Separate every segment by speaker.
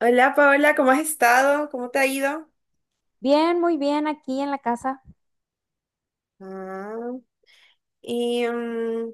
Speaker 1: Hola Paola, ¿cómo has estado? ¿Cómo te ha ido?
Speaker 2: Bien, muy bien, aquí en la casa.
Speaker 1: Ah, y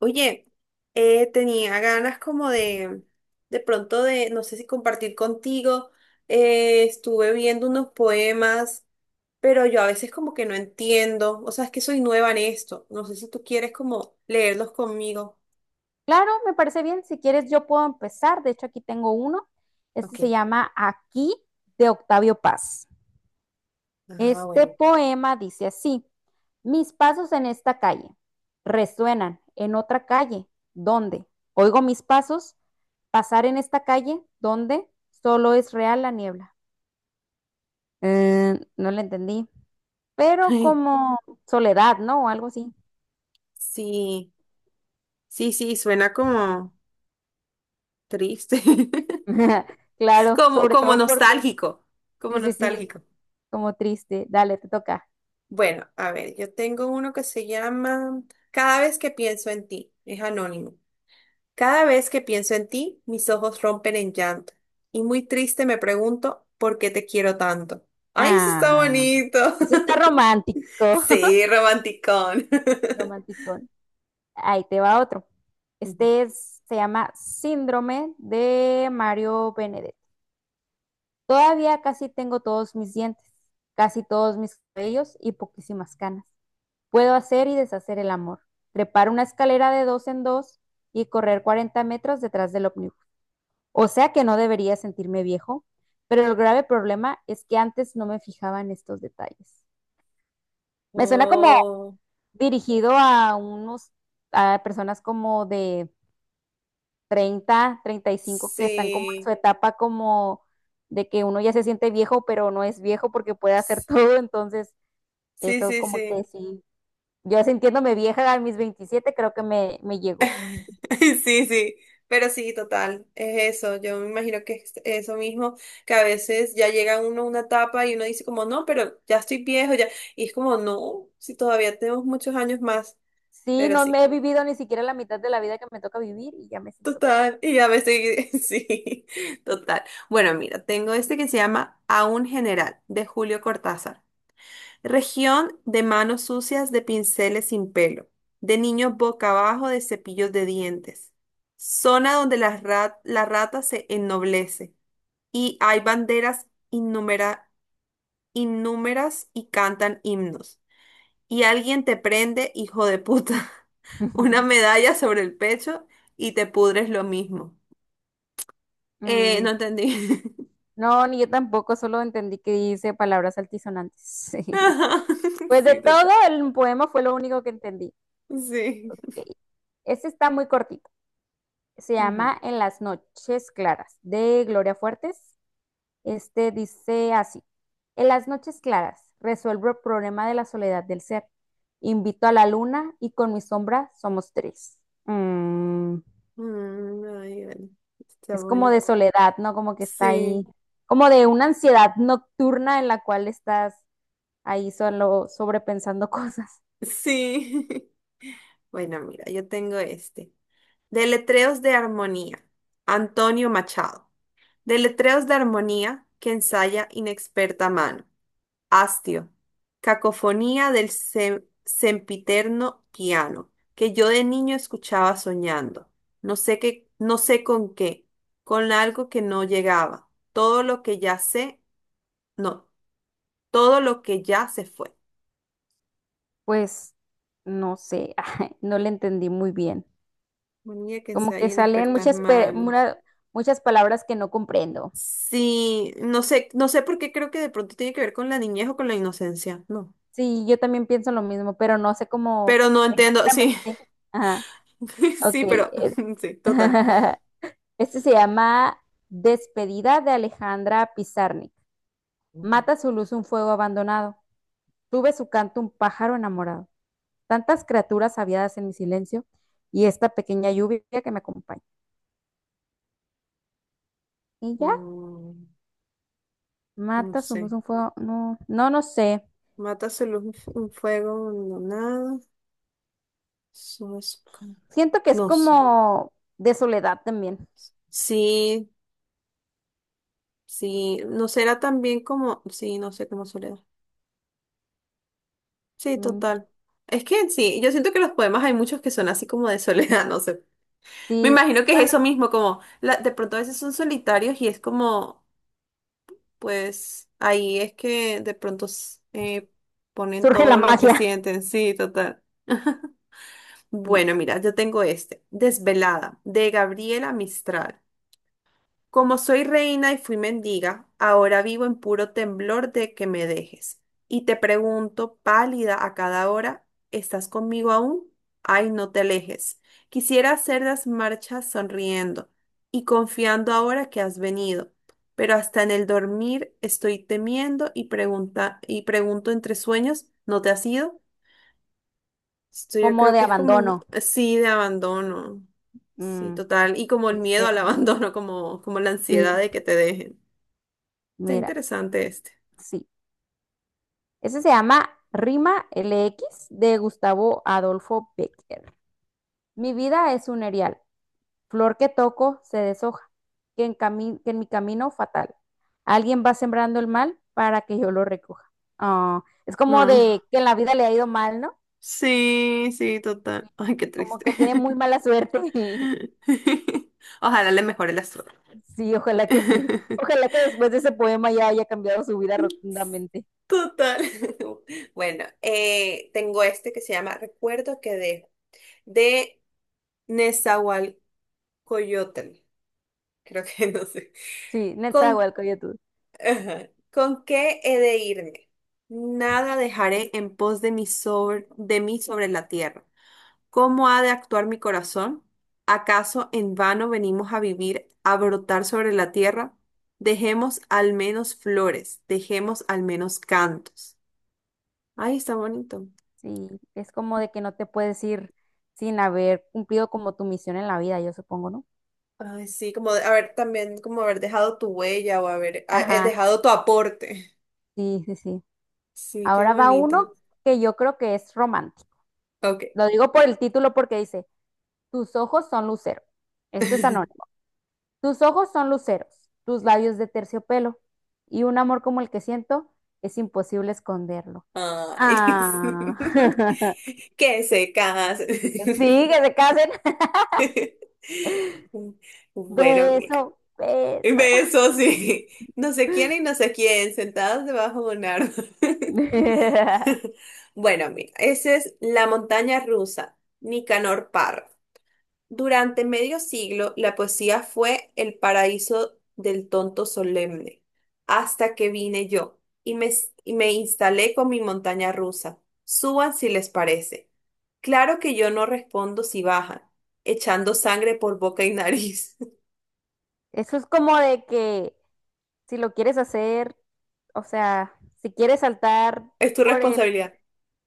Speaker 1: oye, tenía ganas como de pronto de, no sé si compartir contigo, estuve viendo unos poemas, pero yo a veces como que no entiendo, o sea, es que soy nueva en esto, no sé si tú quieres como leerlos conmigo.
Speaker 2: Claro, me parece bien. Si quieres, yo puedo empezar. De hecho, aquí tengo uno. Este
Speaker 1: Ok,
Speaker 2: se llama Aquí de Octavio Paz.
Speaker 1: ah,
Speaker 2: Este
Speaker 1: bueno.
Speaker 2: poema dice así, mis pasos en esta calle resuenan en otra calle, ¿dónde? Oigo mis pasos pasar en esta calle, ¿dónde? Solo es real la niebla. No le entendí, pero como soledad, ¿no? O algo así.
Speaker 1: Sí, sí, sí, suena como triste,
Speaker 2: Claro,
Speaker 1: como,
Speaker 2: sobre
Speaker 1: como
Speaker 2: todo porque,
Speaker 1: nostálgico, como
Speaker 2: sí, sí, sí,
Speaker 1: nostálgico.
Speaker 2: como triste. Dale, te toca.
Speaker 1: Bueno, a ver, yo tengo uno que se llama Cada vez que pienso en ti. Es anónimo. Cada vez que pienso en ti, mis ojos rompen en llanto. Y muy triste me pregunto por qué te quiero tanto. ¡Ay, eso está
Speaker 2: Ah,
Speaker 1: bonito!
Speaker 2: eso está romántico.
Speaker 1: Sí, romanticón.
Speaker 2: Romanticón. Ahí te va otro.
Speaker 1: Ujú.
Speaker 2: Este se llama Síndrome de Mario Benedetti. Todavía casi tengo todos mis dientes, casi todos mis cabellos y poquísimas canas. Puedo hacer y deshacer el amor, trepar una escalera de dos en dos y correr 40 metros detrás del ómnibus. O sea que no debería sentirme viejo, pero el grave problema es que antes no me fijaba en estos detalles. Me suena como
Speaker 1: Oh,
Speaker 2: dirigido a personas como de 30, 35 que están como en su
Speaker 1: sí.
Speaker 2: etapa como de que uno ya se siente viejo, pero no es viejo porque puede hacer todo, entonces
Speaker 1: Sí,
Speaker 2: eso
Speaker 1: sí,
Speaker 2: como que
Speaker 1: sí.
Speaker 2: sí, yo sintiéndome vieja a mis 27, creo que me llegó.
Speaker 1: Sí, sí, pero sí, total, es eso. Yo me imagino que es eso mismo, que a veces ya llega uno a una etapa y uno dice como, no, pero ya estoy viejo, ya. Y es como, no, si todavía tenemos muchos años más,
Speaker 2: Sí,
Speaker 1: pero
Speaker 2: no
Speaker 1: sí,
Speaker 2: me he vivido ni siquiera la mitad de la vida que me toca vivir y ya me siento vieja.
Speaker 1: total. Y ya me estoy, sí, total. Bueno, mira, tengo este que se llama A un general, de Julio Cortázar. Región de manos sucias de pinceles sin pelo, de niños boca abajo de cepillos de dientes. Zona donde la, la rata se ennoblece y hay innúmeras y cantan himnos. Y alguien te prende, hijo de puta, una medalla sobre el pecho y te pudres lo mismo.
Speaker 2: Mm,
Speaker 1: No entendí.
Speaker 2: no, ni yo tampoco, solo entendí que dice palabras altisonantes.
Speaker 1: Ajá,
Speaker 2: Pues de
Speaker 1: sí,
Speaker 2: todo
Speaker 1: total.
Speaker 2: el poema fue lo único que entendí.
Speaker 1: Sí.
Speaker 2: Ok, este está muy cortito. Se
Speaker 1: Ujú.
Speaker 2: llama En las noches claras, de Gloria Fuertes. Este dice así. En las noches claras resuelvo el problema de la soledad del ser. Invito a la luna y con mi sombra somos tres. Mm,
Speaker 1: Mm, ay, bueno. Está
Speaker 2: es como
Speaker 1: bueno.
Speaker 2: de soledad, ¿no? Como que está ahí,
Speaker 1: Sí,
Speaker 2: como de una ansiedad nocturna en la cual estás ahí solo sobrepensando cosas.
Speaker 1: sí. Bueno, mira, yo tengo este. Deletreos de armonía. Antonio Machado. Deletreos de armonía que ensaya inexperta mano. Hastio. Cacofonía del sempiterno piano, que yo de niño escuchaba soñando. No sé qué, no sé con qué, con algo que no llegaba. Todo lo que ya sé, no, todo lo que ya se fue.
Speaker 2: Pues no sé, no le entendí muy bien.
Speaker 1: Armonía que
Speaker 2: Como que
Speaker 1: ensaya
Speaker 2: salen
Speaker 1: inexpertas manos.
Speaker 2: muchas palabras que no comprendo.
Speaker 1: Sí, no sé, no sé por qué creo que de pronto tiene que ver con la niñez o con la inocencia, no.
Speaker 2: Sí, yo también pienso lo mismo, pero no sé cómo
Speaker 1: Pero no entiendo, sí,
Speaker 2: exactamente. Ajá, ok.
Speaker 1: sí, pero
Speaker 2: es-
Speaker 1: sí, total.
Speaker 2: Este se llama Despedida de Alejandra Pizarnik.
Speaker 1: Ujú.
Speaker 2: Mata su luz un fuego abandonado. Tuve su canto un pájaro enamorado. Tantas criaturas aviadas en mi silencio y esta pequeña lluvia que me acompaña. ¿Y ya?
Speaker 1: Mm, no
Speaker 2: Mata su
Speaker 1: sé.
Speaker 2: luz un fuego. No, no, no sé.
Speaker 1: Matas luz un fuego abandonado. eso es ca-
Speaker 2: Siento que es
Speaker 1: No sé.
Speaker 2: como de soledad también.
Speaker 1: Sí, sí. No será también como. Sí, no sé, como soledad. Sí,
Speaker 2: Mm,
Speaker 1: total. Es que sí, yo siento que los poemas hay muchos que son así como de soledad, no sé. Me
Speaker 2: sí,
Speaker 1: imagino que es
Speaker 2: bueno,
Speaker 1: eso mismo, de pronto a veces son solitarios y es como. Pues ahí es que de pronto ponen
Speaker 2: surge la
Speaker 1: todo lo que
Speaker 2: magia,
Speaker 1: sienten, sí, total.
Speaker 2: sí,
Speaker 1: Bueno, mira, yo tengo este, Desvelada, de Gabriela Mistral. Como soy reina y fui mendiga, ahora vivo en puro temblor de que me dejes. Y te pregunto, pálida a cada hora, ¿estás conmigo aún? Ay, no te alejes. Quisiera hacer las marchas sonriendo y confiando ahora que has venido, pero hasta en el dormir estoy temiendo y pregunta y pregunto entre sueños, ¿no te has ido? Esto yo
Speaker 2: como
Speaker 1: creo
Speaker 2: de
Speaker 1: que es como,
Speaker 2: abandono,
Speaker 1: sí, de abandono. Sí,
Speaker 2: mm,
Speaker 1: total. Y como el miedo al
Speaker 2: tristeza.
Speaker 1: abandono, como, como la ansiedad
Speaker 2: Sí,
Speaker 1: de que te dejen. Está
Speaker 2: mira,
Speaker 1: interesante este.
Speaker 2: sí. Ese se llama Rima LX de Gustavo Adolfo Becker. Mi vida es un erial, flor que toco se deshoja, que en mi camino fatal. Alguien va sembrando el mal para que yo lo recoja. Ah, es como de
Speaker 1: Ah,
Speaker 2: que en la vida le ha ido mal, ¿no?
Speaker 1: sí, sí, total. Ay, qué
Speaker 2: Como
Speaker 1: triste.
Speaker 2: que tiene muy mala suerte.
Speaker 1: Ojalá le mejore la suerte.
Speaker 2: Sí. Ojalá que después de ese poema ya haya cambiado su vida rotundamente.
Speaker 1: Total. Bueno, tengo este que se llama Recuerdo que dejo, de Nezahualcóyotl, creo que no sé.
Speaker 2: Sí,
Speaker 1: Con
Speaker 2: Netzahualcóyotl.
Speaker 1: ajá. ¿Con qué he de irme? Nada dejaré en pos de mí sobre la tierra. ¿Cómo ha de actuar mi corazón? ¿Acaso en vano venimos a vivir, a brotar sobre la tierra? Dejemos al menos flores, dejemos al menos cantos. Ay, está bonito.
Speaker 2: Sí, es como de que no te puedes ir sin haber cumplido como tu misión en la vida, yo supongo, ¿no?
Speaker 1: Ay, sí, haber también, como haber dejado tu huella o haber
Speaker 2: Ajá,
Speaker 1: dejado tu aporte.
Speaker 2: sí, sí, sí.
Speaker 1: Sí, qué
Speaker 2: Ahora va
Speaker 1: bonito.
Speaker 2: uno que yo creo que es romántico.
Speaker 1: Ok.
Speaker 2: Lo digo por el título porque dice, tus ojos son luceros. Esto es anónimo. Tus ojos son luceros, tus labios de terciopelo y un amor como el que siento es imposible esconderlo.
Speaker 1: Ay,
Speaker 2: Ah.
Speaker 1: que se casen.
Speaker 2: Sí, que se casen.
Speaker 1: Bueno, mira,
Speaker 2: Beso, beso.
Speaker 1: besos sí. No sé quién y no sé quién, sentados debajo de un árbol. Bueno, mira, esa es la montaña rusa, Nicanor Parra. Durante medio siglo, la poesía fue el paraíso del tonto solemne, hasta que vine yo y me, y me instalé con mi montaña rusa. Suban si les parece. Claro que yo no respondo si bajan, echando sangre por boca y nariz.
Speaker 2: Eso es como de que si lo quieres hacer, o sea, si quieres saltar
Speaker 1: Es tu
Speaker 2: por el,
Speaker 1: responsabilidad.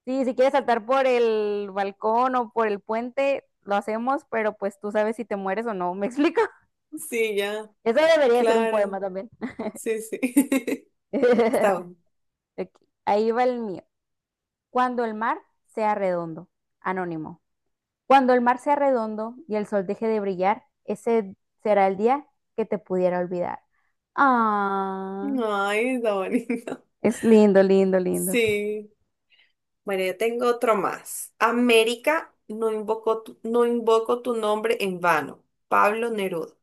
Speaker 2: sí, si quieres saltar por el balcón o por el puente, lo hacemos, pero pues tú sabes si te mueres o no, ¿me explico?
Speaker 1: Sí, ya,
Speaker 2: Eso debería ser un
Speaker 1: Clara.
Speaker 2: poema también.
Speaker 1: Sí, sí. Está bueno.
Speaker 2: Ok, ahí va el mío. Cuando el mar sea redondo, anónimo. Cuando el mar sea redondo y el sol deje de brillar, ese será el día que te pudiera olvidar. Ah,
Speaker 1: Ay, está bonito.
Speaker 2: es lindo, lindo, lindo.
Speaker 1: Sí. Bueno, yo tengo otro más. América, no invoco tu nombre en vano. Pablo Neruda.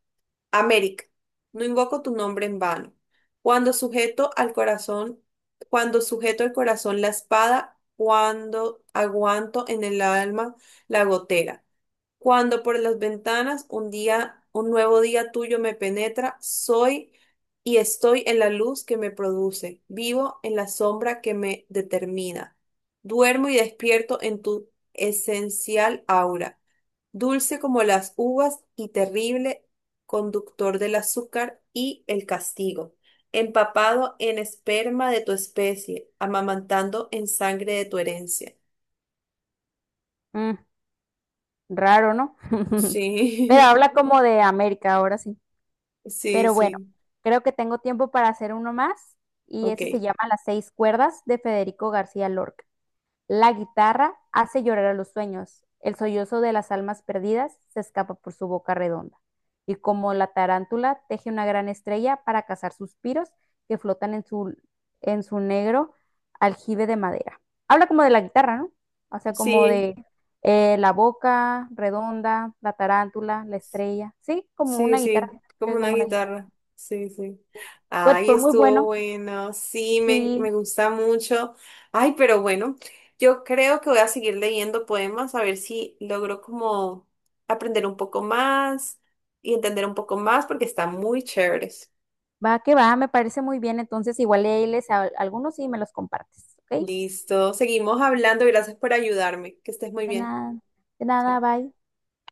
Speaker 1: América, no invoco tu nombre en vano. Cuando sujeto al corazón, cuando sujeto al corazón la espada, cuando aguanto en el alma la gotera. Cuando por las ventanas un nuevo día tuyo me penetra, soy y estoy en la luz que me produce, vivo en la sombra que me determina. Duermo y despierto en tu esencial aura, dulce como las uvas y terrible conductor del azúcar y el castigo, empapado en esperma de tu especie, amamantando en sangre de tu herencia.
Speaker 2: Mm, raro, ¿no? Pero
Speaker 1: Sí,
Speaker 2: habla como de América ahora sí.
Speaker 1: sí,
Speaker 2: Pero bueno,
Speaker 1: sí,
Speaker 2: creo que tengo tiempo para hacer uno más y
Speaker 1: ok.
Speaker 2: ese se llama Las seis cuerdas de Federico García Lorca. La guitarra hace llorar a los sueños, el sollozo de las almas perdidas se escapa por su boca redonda, y como la tarántula teje una gran estrella para cazar suspiros que flotan en su negro aljibe de madera. Habla como de la guitarra, ¿no? O sea, como
Speaker 1: Sí,
Speaker 2: de la boca redonda, la tarántula, la estrella, sí, como
Speaker 1: sí,
Speaker 2: una
Speaker 1: sí,
Speaker 2: guitarra,
Speaker 1: como
Speaker 2: sí,
Speaker 1: una
Speaker 2: como la guitarra.
Speaker 1: guitarra. Sí, sí.
Speaker 2: Pues
Speaker 1: Ay,
Speaker 2: fue muy
Speaker 1: estuvo
Speaker 2: bueno,
Speaker 1: bueno. Sí,
Speaker 2: sí,
Speaker 1: me gusta mucho. Ay, pero bueno, yo creo que voy a seguir leyendo poemas a ver si logro como aprender un poco más y entender un poco más porque están muy chéveres.
Speaker 2: va que va, me parece muy bien, entonces igual ahí les, algunos sí me los compartes, ¿ok?
Speaker 1: Listo. Seguimos hablando. Gracias por ayudarme. Que estés muy
Speaker 2: De
Speaker 1: bien.
Speaker 2: nada, de nada,
Speaker 1: Chao.
Speaker 2: bye.